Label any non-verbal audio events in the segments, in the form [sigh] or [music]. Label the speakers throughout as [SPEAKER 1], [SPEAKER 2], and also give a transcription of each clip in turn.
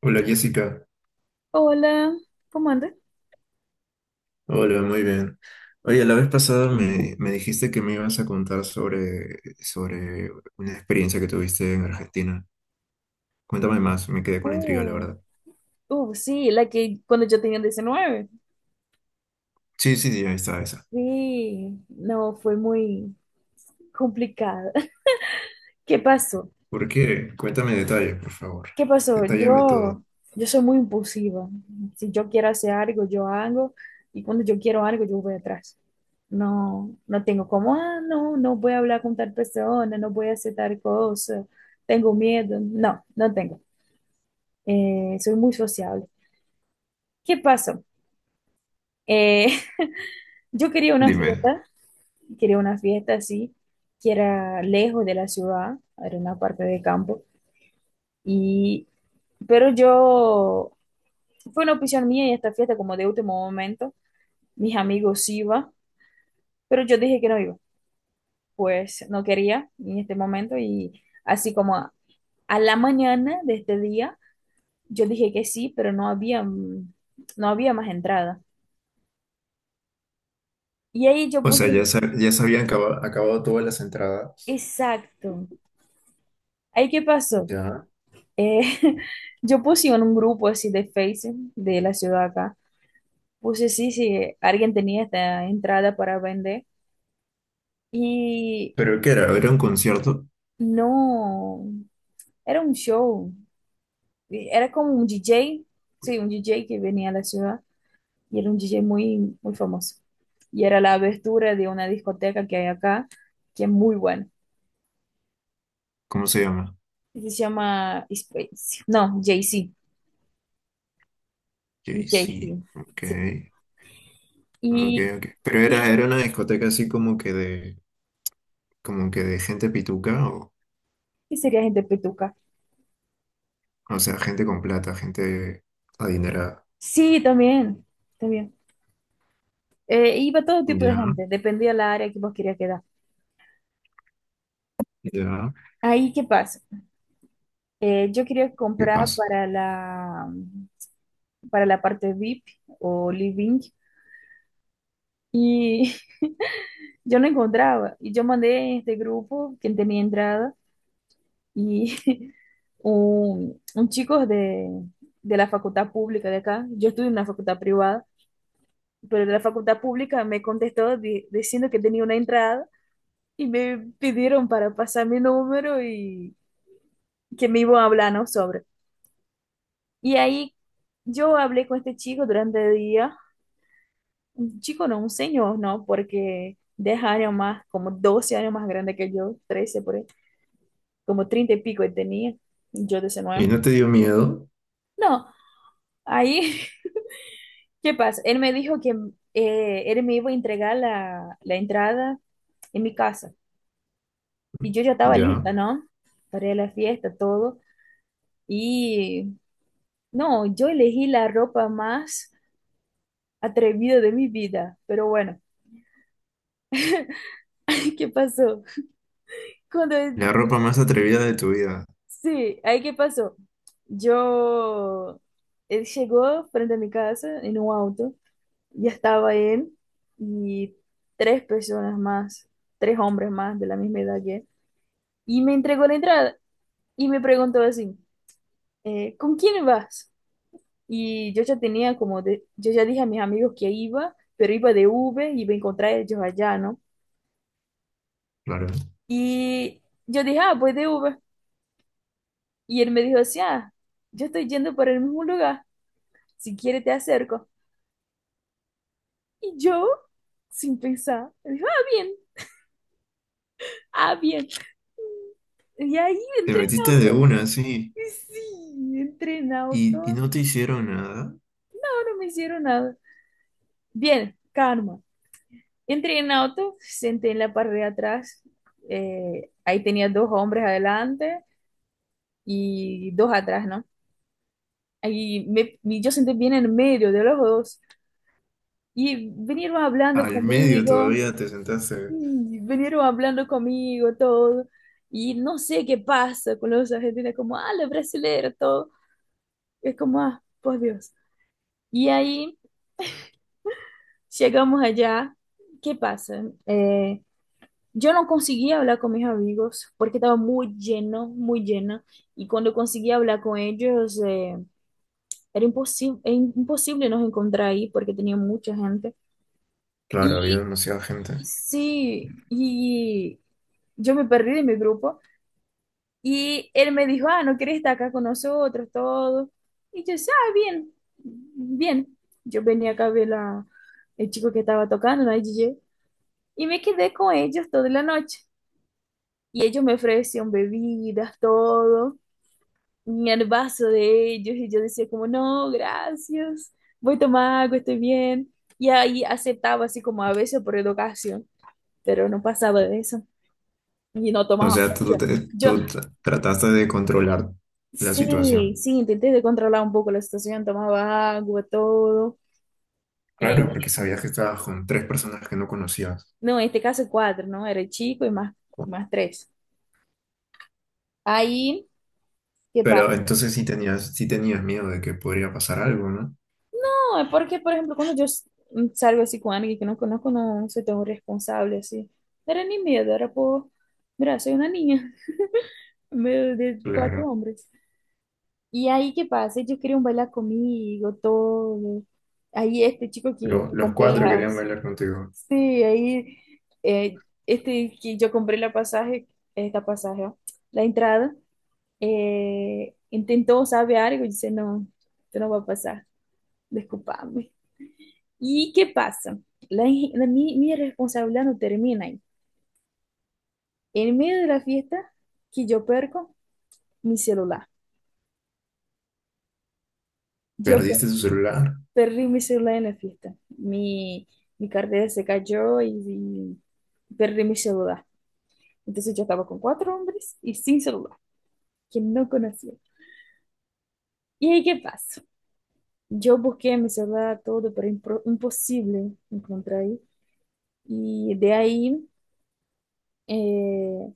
[SPEAKER 1] Hola Jessica,
[SPEAKER 2] Hola, ¿cómo andas?
[SPEAKER 1] hola, muy bien. Oye,
[SPEAKER 2] Bien.
[SPEAKER 1] la vez pasada me dijiste que me ibas a contar sobre una experiencia que tuviste en Argentina. Cuéntame más, me quedé con la intriga, la
[SPEAKER 2] Uh,
[SPEAKER 1] verdad.
[SPEAKER 2] sí, la que cuando yo tenía 19.
[SPEAKER 1] Sí, sí, ya está esa.
[SPEAKER 2] Sí, no, fue muy complicada. [laughs] ¿Qué pasó?
[SPEAKER 1] ¿Por qué? Cuéntame detalles, por favor.
[SPEAKER 2] ¿Qué pasó?
[SPEAKER 1] Detállame todo.
[SPEAKER 2] Yo soy muy impulsiva. Si yo quiero hacer algo, yo hago. Y cuando yo quiero algo, yo voy atrás. No tengo como, ah, no voy a hablar con tal persona, no voy a hacer tal cosa, tengo miedo. No tengo. Soy muy sociable. ¿Qué pasó? Eh, [laughs] yo
[SPEAKER 1] Dime.
[SPEAKER 2] quería una fiesta así, que era lejos de la ciudad, era una parte de campo, y, pero yo, fue una opción mía y esta fiesta como de último momento, mis amigos iban, pero yo dije que no iba, pues no quería en este momento y así como a la mañana de este día, yo dije que sí, pero no había, no había más entrada. Y ahí yo
[SPEAKER 1] O sea,
[SPEAKER 2] puse,
[SPEAKER 1] ya, ya se habían acabado todas las entradas,
[SPEAKER 2] exacto. ¿Ahí qué pasó?
[SPEAKER 1] ¿ya?
[SPEAKER 2] Eh, [laughs] yo puse en un grupo así de Facebook de la ciudad acá, puse sí, si alguien tenía esta entrada para vender y
[SPEAKER 1] ¿Pero qué era? ¿Era un concierto?
[SPEAKER 2] no, era un show, era como un DJ, sí, un DJ que venía a la ciudad y era un DJ muy, muy famoso. Y era la abertura de una discoteca que hay acá, que es muy buena.
[SPEAKER 1] ¿Cómo se llama?
[SPEAKER 2] Y se llama Space, no, JC,
[SPEAKER 1] Sí, sí.
[SPEAKER 2] JC,
[SPEAKER 1] Ok,
[SPEAKER 2] sí.
[SPEAKER 1] ok,
[SPEAKER 2] Y,
[SPEAKER 1] ok. Pero era,
[SPEAKER 2] [laughs]
[SPEAKER 1] era una discoteca así como que de gente pituca,
[SPEAKER 2] y sería gente petuca.
[SPEAKER 1] o sea, gente con plata, gente adinerada.
[SPEAKER 2] Sí, también, también. Iba todo tipo de
[SPEAKER 1] Ya,
[SPEAKER 2] gente, dependía la área que vos querías quedar.
[SPEAKER 1] ya,
[SPEAKER 2] Ahí, ¿qué pasa? Yo quería
[SPEAKER 1] ¿qué
[SPEAKER 2] comprar
[SPEAKER 1] pasa?
[SPEAKER 2] para la parte VIP o living y [laughs] yo no encontraba. Y yo mandé en este grupo, quien tenía entrada, y [laughs] un chico de la facultad pública de acá, yo estudio en una facultad privada, pero de la facultad pública me contestó diciendo que tenía una entrada y me pidieron para pasar mi número y que me iba hablando sobre. Y ahí yo hablé con este chico durante el día, un chico no, un señor, ¿no? Porque 10 años más, como 12 años más grande que yo, 13 por ahí, como 30 y pico él tenía, yo
[SPEAKER 1] Y
[SPEAKER 2] 19.
[SPEAKER 1] no te dio miedo,
[SPEAKER 2] No, ahí, [laughs] ¿qué pasa? Él me dijo que él me iba a entregar la, la entrada en mi casa. Y yo ya estaba
[SPEAKER 1] ya.
[SPEAKER 2] lista, ¿no? Para ir a la fiesta, todo. Y no, yo elegí la ropa más atrevida de mi vida, pero bueno. [laughs] ¿Qué pasó? Cuando,
[SPEAKER 1] La ropa más atrevida de tu vida,
[SPEAKER 2] sí, ahí qué pasó. Yo, él llegó frente a mi casa en un auto, ya estaba él y tres personas más, tres hombres más de la misma edad que él, y me entregó la entrada y me preguntó así, ¿con quién vas? Y yo ya tenía como, yo ya dije a mis amigos que iba, pero iba de Uber, iba a encontrar ellos allá, ¿no?
[SPEAKER 1] claro.
[SPEAKER 2] Y yo dije, ah, pues de Uber. Y él me dijo así, ah, yo estoy yendo para el mismo lugar, si quieres te acerco. Y yo, sin pensar, me dijo, ah, bien, ah, bien. Y ahí
[SPEAKER 1] Te
[SPEAKER 2] entré en
[SPEAKER 1] metiste de
[SPEAKER 2] auto.
[SPEAKER 1] una, sí,
[SPEAKER 2] Y sí, entré en auto,
[SPEAKER 1] y no te hicieron nada.
[SPEAKER 2] no me hicieron nada. Bien, calma. Entré en auto, senté en la parte de atrás, ahí tenía dos hombres adelante y dos atrás, ¿no? Y me, y yo senté bien en medio de los dos y vinieron hablando
[SPEAKER 1] Al medio
[SPEAKER 2] conmigo.
[SPEAKER 1] todavía te sentaste.
[SPEAKER 2] Y vinieron hablando conmigo, todo. Y no sé qué pasa con los argentinos, como, ah, los brasileños, todo. Es como, ah, por Dios. Y ahí llegamos allá. ¿Qué pasa? Yo no conseguía hablar con mis amigos porque estaba muy lleno, muy llena. Y cuando conseguía hablar con ellos, era imposible, imposible nos encontrar ahí porque tenía mucha gente.
[SPEAKER 1] Claro, había
[SPEAKER 2] Y
[SPEAKER 1] demasiada gente.
[SPEAKER 2] sí, y yo me perdí de mi grupo. Y él me dijo, ah, ¿no quieres estar acá con nosotros, todo? Y yo, ah, bien, bien. Yo venía acá a ver la, el chico que estaba tocando, la DJ, y me quedé con ellos toda la noche. Y ellos me ofrecían bebidas, todo, y el vaso de ellos, y yo decía como, no, gracias, voy a tomar agua, estoy bien. Y ahí aceptaba así como a veces por educación, pero no pasaba de eso, y no
[SPEAKER 1] O
[SPEAKER 2] tomaba
[SPEAKER 1] sea, tú,
[SPEAKER 2] mucho. Yo
[SPEAKER 1] tú trataste de controlar la
[SPEAKER 2] Sí,
[SPEAKER 1] situación.
[SPEAKER 2] sí, intenté de controlar un poco la situación, tomaba agua, todo. Eh,
[SPEAKER 1] Claro, porque sabías que estabas con tres personas que no conocías.
[SPEAKER 2] no, en este caso cuatro, ¿no? Era el chico y más, más tres. Ahí, ¿qué
[SPEAKER 1] Pero
[SPEAKER 2] pasa?
[SPEAKER 1] entonces sí tenías miedo de que podría pasar algo, ¿no?
[SPEAKER 2] No, es porque, por ejemplo, cuando yo salgo así con alguien que no conozco, no soy tan responsable así. No era ni miedo, era por, mira, soy una niña [laughs] en medio de cuatro
[SPEAKER 1] Claro.
[SPEAKER 2] hombres. Y ahí, ¿qué pasa? Ellos querían bailar conmigo, todo. Ahí este chico que
[SPEAKER 1] Pero los
[SPEAKER 2] compré
[SPEAKER 1] cuatro querían
[SPEAKER 2] las.
[SPEAKER 1] bailar contigo.
[SPEAKER 2] Sí, ahí que yo compré la pasaje, esta pasaje, ó, la entrada, intentou, sabe, algo, e disse, no eu não vou passar, desculpa-me. E que passa? La, in- la, mi responsabilidad no termina ahí. En medio de la fiesta, que yo perco mi celular. Yo pe-
[SPEAKER 1] Perdiste su celular.
[SPEAKER 2] perdí mi celular en la fiesta. Mi cartera se cayó y perdí mi celular. Entonces yo estaba con cuatro hombres y sin celular, que no conocía. Y ahí qué pasó, yo busqué meu celular todo, pero impossível encontrar aí. E daí, eh,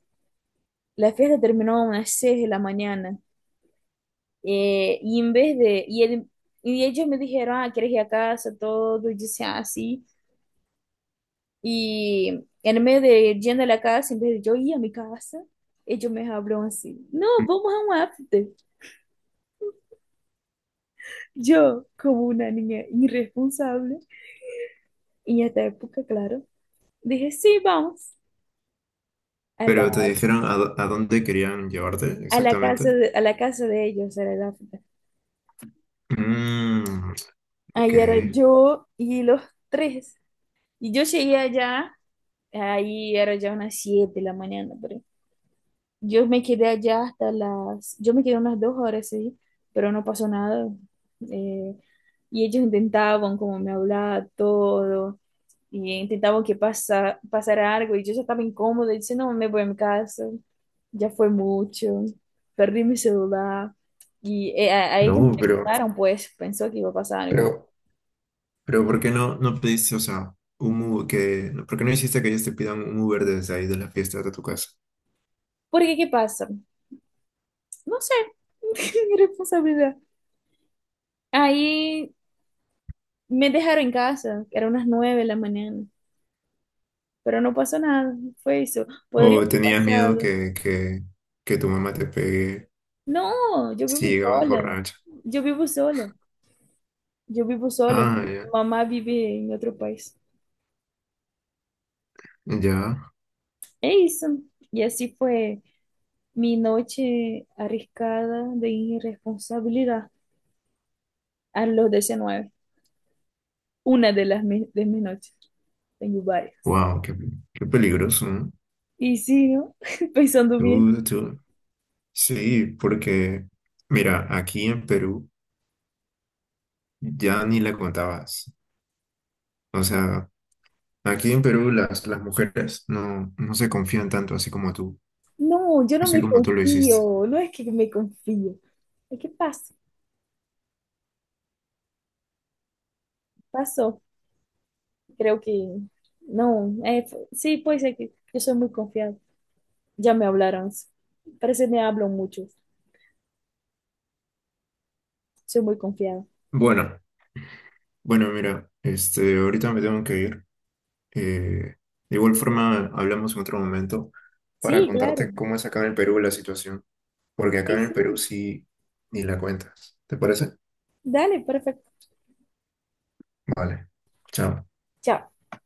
[SPEAKER 2] la fiesta terminó a unas 6 de la mañana. Y en vez de, y, el- y ellos me dijeron, ah, ¿quieres ir a casa? Todo, y dice, ah, sí. Y en medio de yendo a la casa, en vez de yo ir a mi casa, ellos me hablaron así, no, vamos a un after. Yo, como una niña irresponsable, y en esta época, claro, dije, sí, vamos. A
[SPEAKER 1] Pero te
[SPEAKER 2] las
[SPEAKER 1] dijeron a, a dónde querían llevarte
[SPEAKER 2] a la casa
[SPEAKER 1] exactamente.
[SPEAKER 2] de, a la casa de ellos, era el África.
[SPEAKER 1] Mm, ok.
[SPEAKER 2] Ahí era yo y los tres. Y yo llegué allá, ahí era ya unas 7 de la mañana, pero yo me quedé allá hasta las, yo me quedé unas dos horas, sí, pero no pasó nada. Eh, y ellos intentaban como me hablar todo, y intentaban que pasara algo, y yo ya estaba incómoda, y dice, no, me voy a mi casa, ya fue mucho, perdí mi celular, y a ellos
[SPEAKER 1] No,
[SPEAKER 2] no le gustaron, pues pensó que iba a pasar algo.
[SPEAKER 1] pero, pero ¿por qué no, no pediste, o sea, un Uber que, no, ¿por qué no hiciste que ellos te pidan un Uber desde ahí de la fiesta hasta tu casa?
[SPEAKER 2] Porque, ¿qué pasa? No sé, [laughs] mi responsabilidad. Ahí me dejaron en casa, eran unas nueve de la mañana. Pero no pasó nada, fue eso. Podría
[SPEAKER 1] ¿O
[SPEAKER 2] haber
[SPEAKER 1] tenías miedo
[SPEAKER 2] pasado.
[SPEAKER 1] que tu mamá te pegue
[SPEAKER 2] No,
[SPEAKER 1] si llegabas borracha?
[SPEAKER 2] yo vivo sola, yo vivo sola.
[SPEAKER 1] Ah,
[SPEAKER 2] Mi
[SPEAKER 1] ya,
[SPEAKER 2] mamá vive en otro país.
[SPEAKER 1] ya.
[SPEAKER 2] É isso. Y así fue mi noche arriesgada de irresponsabilidad a los diecinueve. Una de de mis noches. Tengo varias.
[SPEAKER 1] Wow, qué, qué peligroso, ¿no?
[SPEAKER 2] Y sí, ¿no? [laughs] Pensando bien.
[SPEAKER 1] Tú- tú- Sí, porque, mira, aquí en Perú ya ni la contabas. O sea, aquí en Perú las mujeres no, no se confían tanto
[SPEAKER 2] No, yo no
[SPEAKER 1] así
[SPEAKER 2] me
[SPEAKER 1] como tú lo hiciste.
[SPEAKER 2] confío. No es que me confío. Es que pasa. Pasó. Creo que no, sí, puede ser que yo soy muy confiada. Ya me hablaron, parece que me hablan mucho, soy muy confiada.
[SPEAKER 1] Bueno, bueno, mira, este, ahorita me tengo que ir. Eh, de igual forma, hablamos en otro momento para
[SPEAKER 2] Sí, claro,
[SPEAKER 1] contarte cómo es acá en el Perú la situación, porque acá
[SPEAKER 2] sí,
[SPEAKER 1] en el
[SPEAKER 2] sí,
[SPEAKER 1] Perú sí ni la cuentas. ¿Te parece?
[SPEAKER 2] dale, perfecto.
[SPEAKER 1] Vale, chao.
[SPEAKER 2] Chao.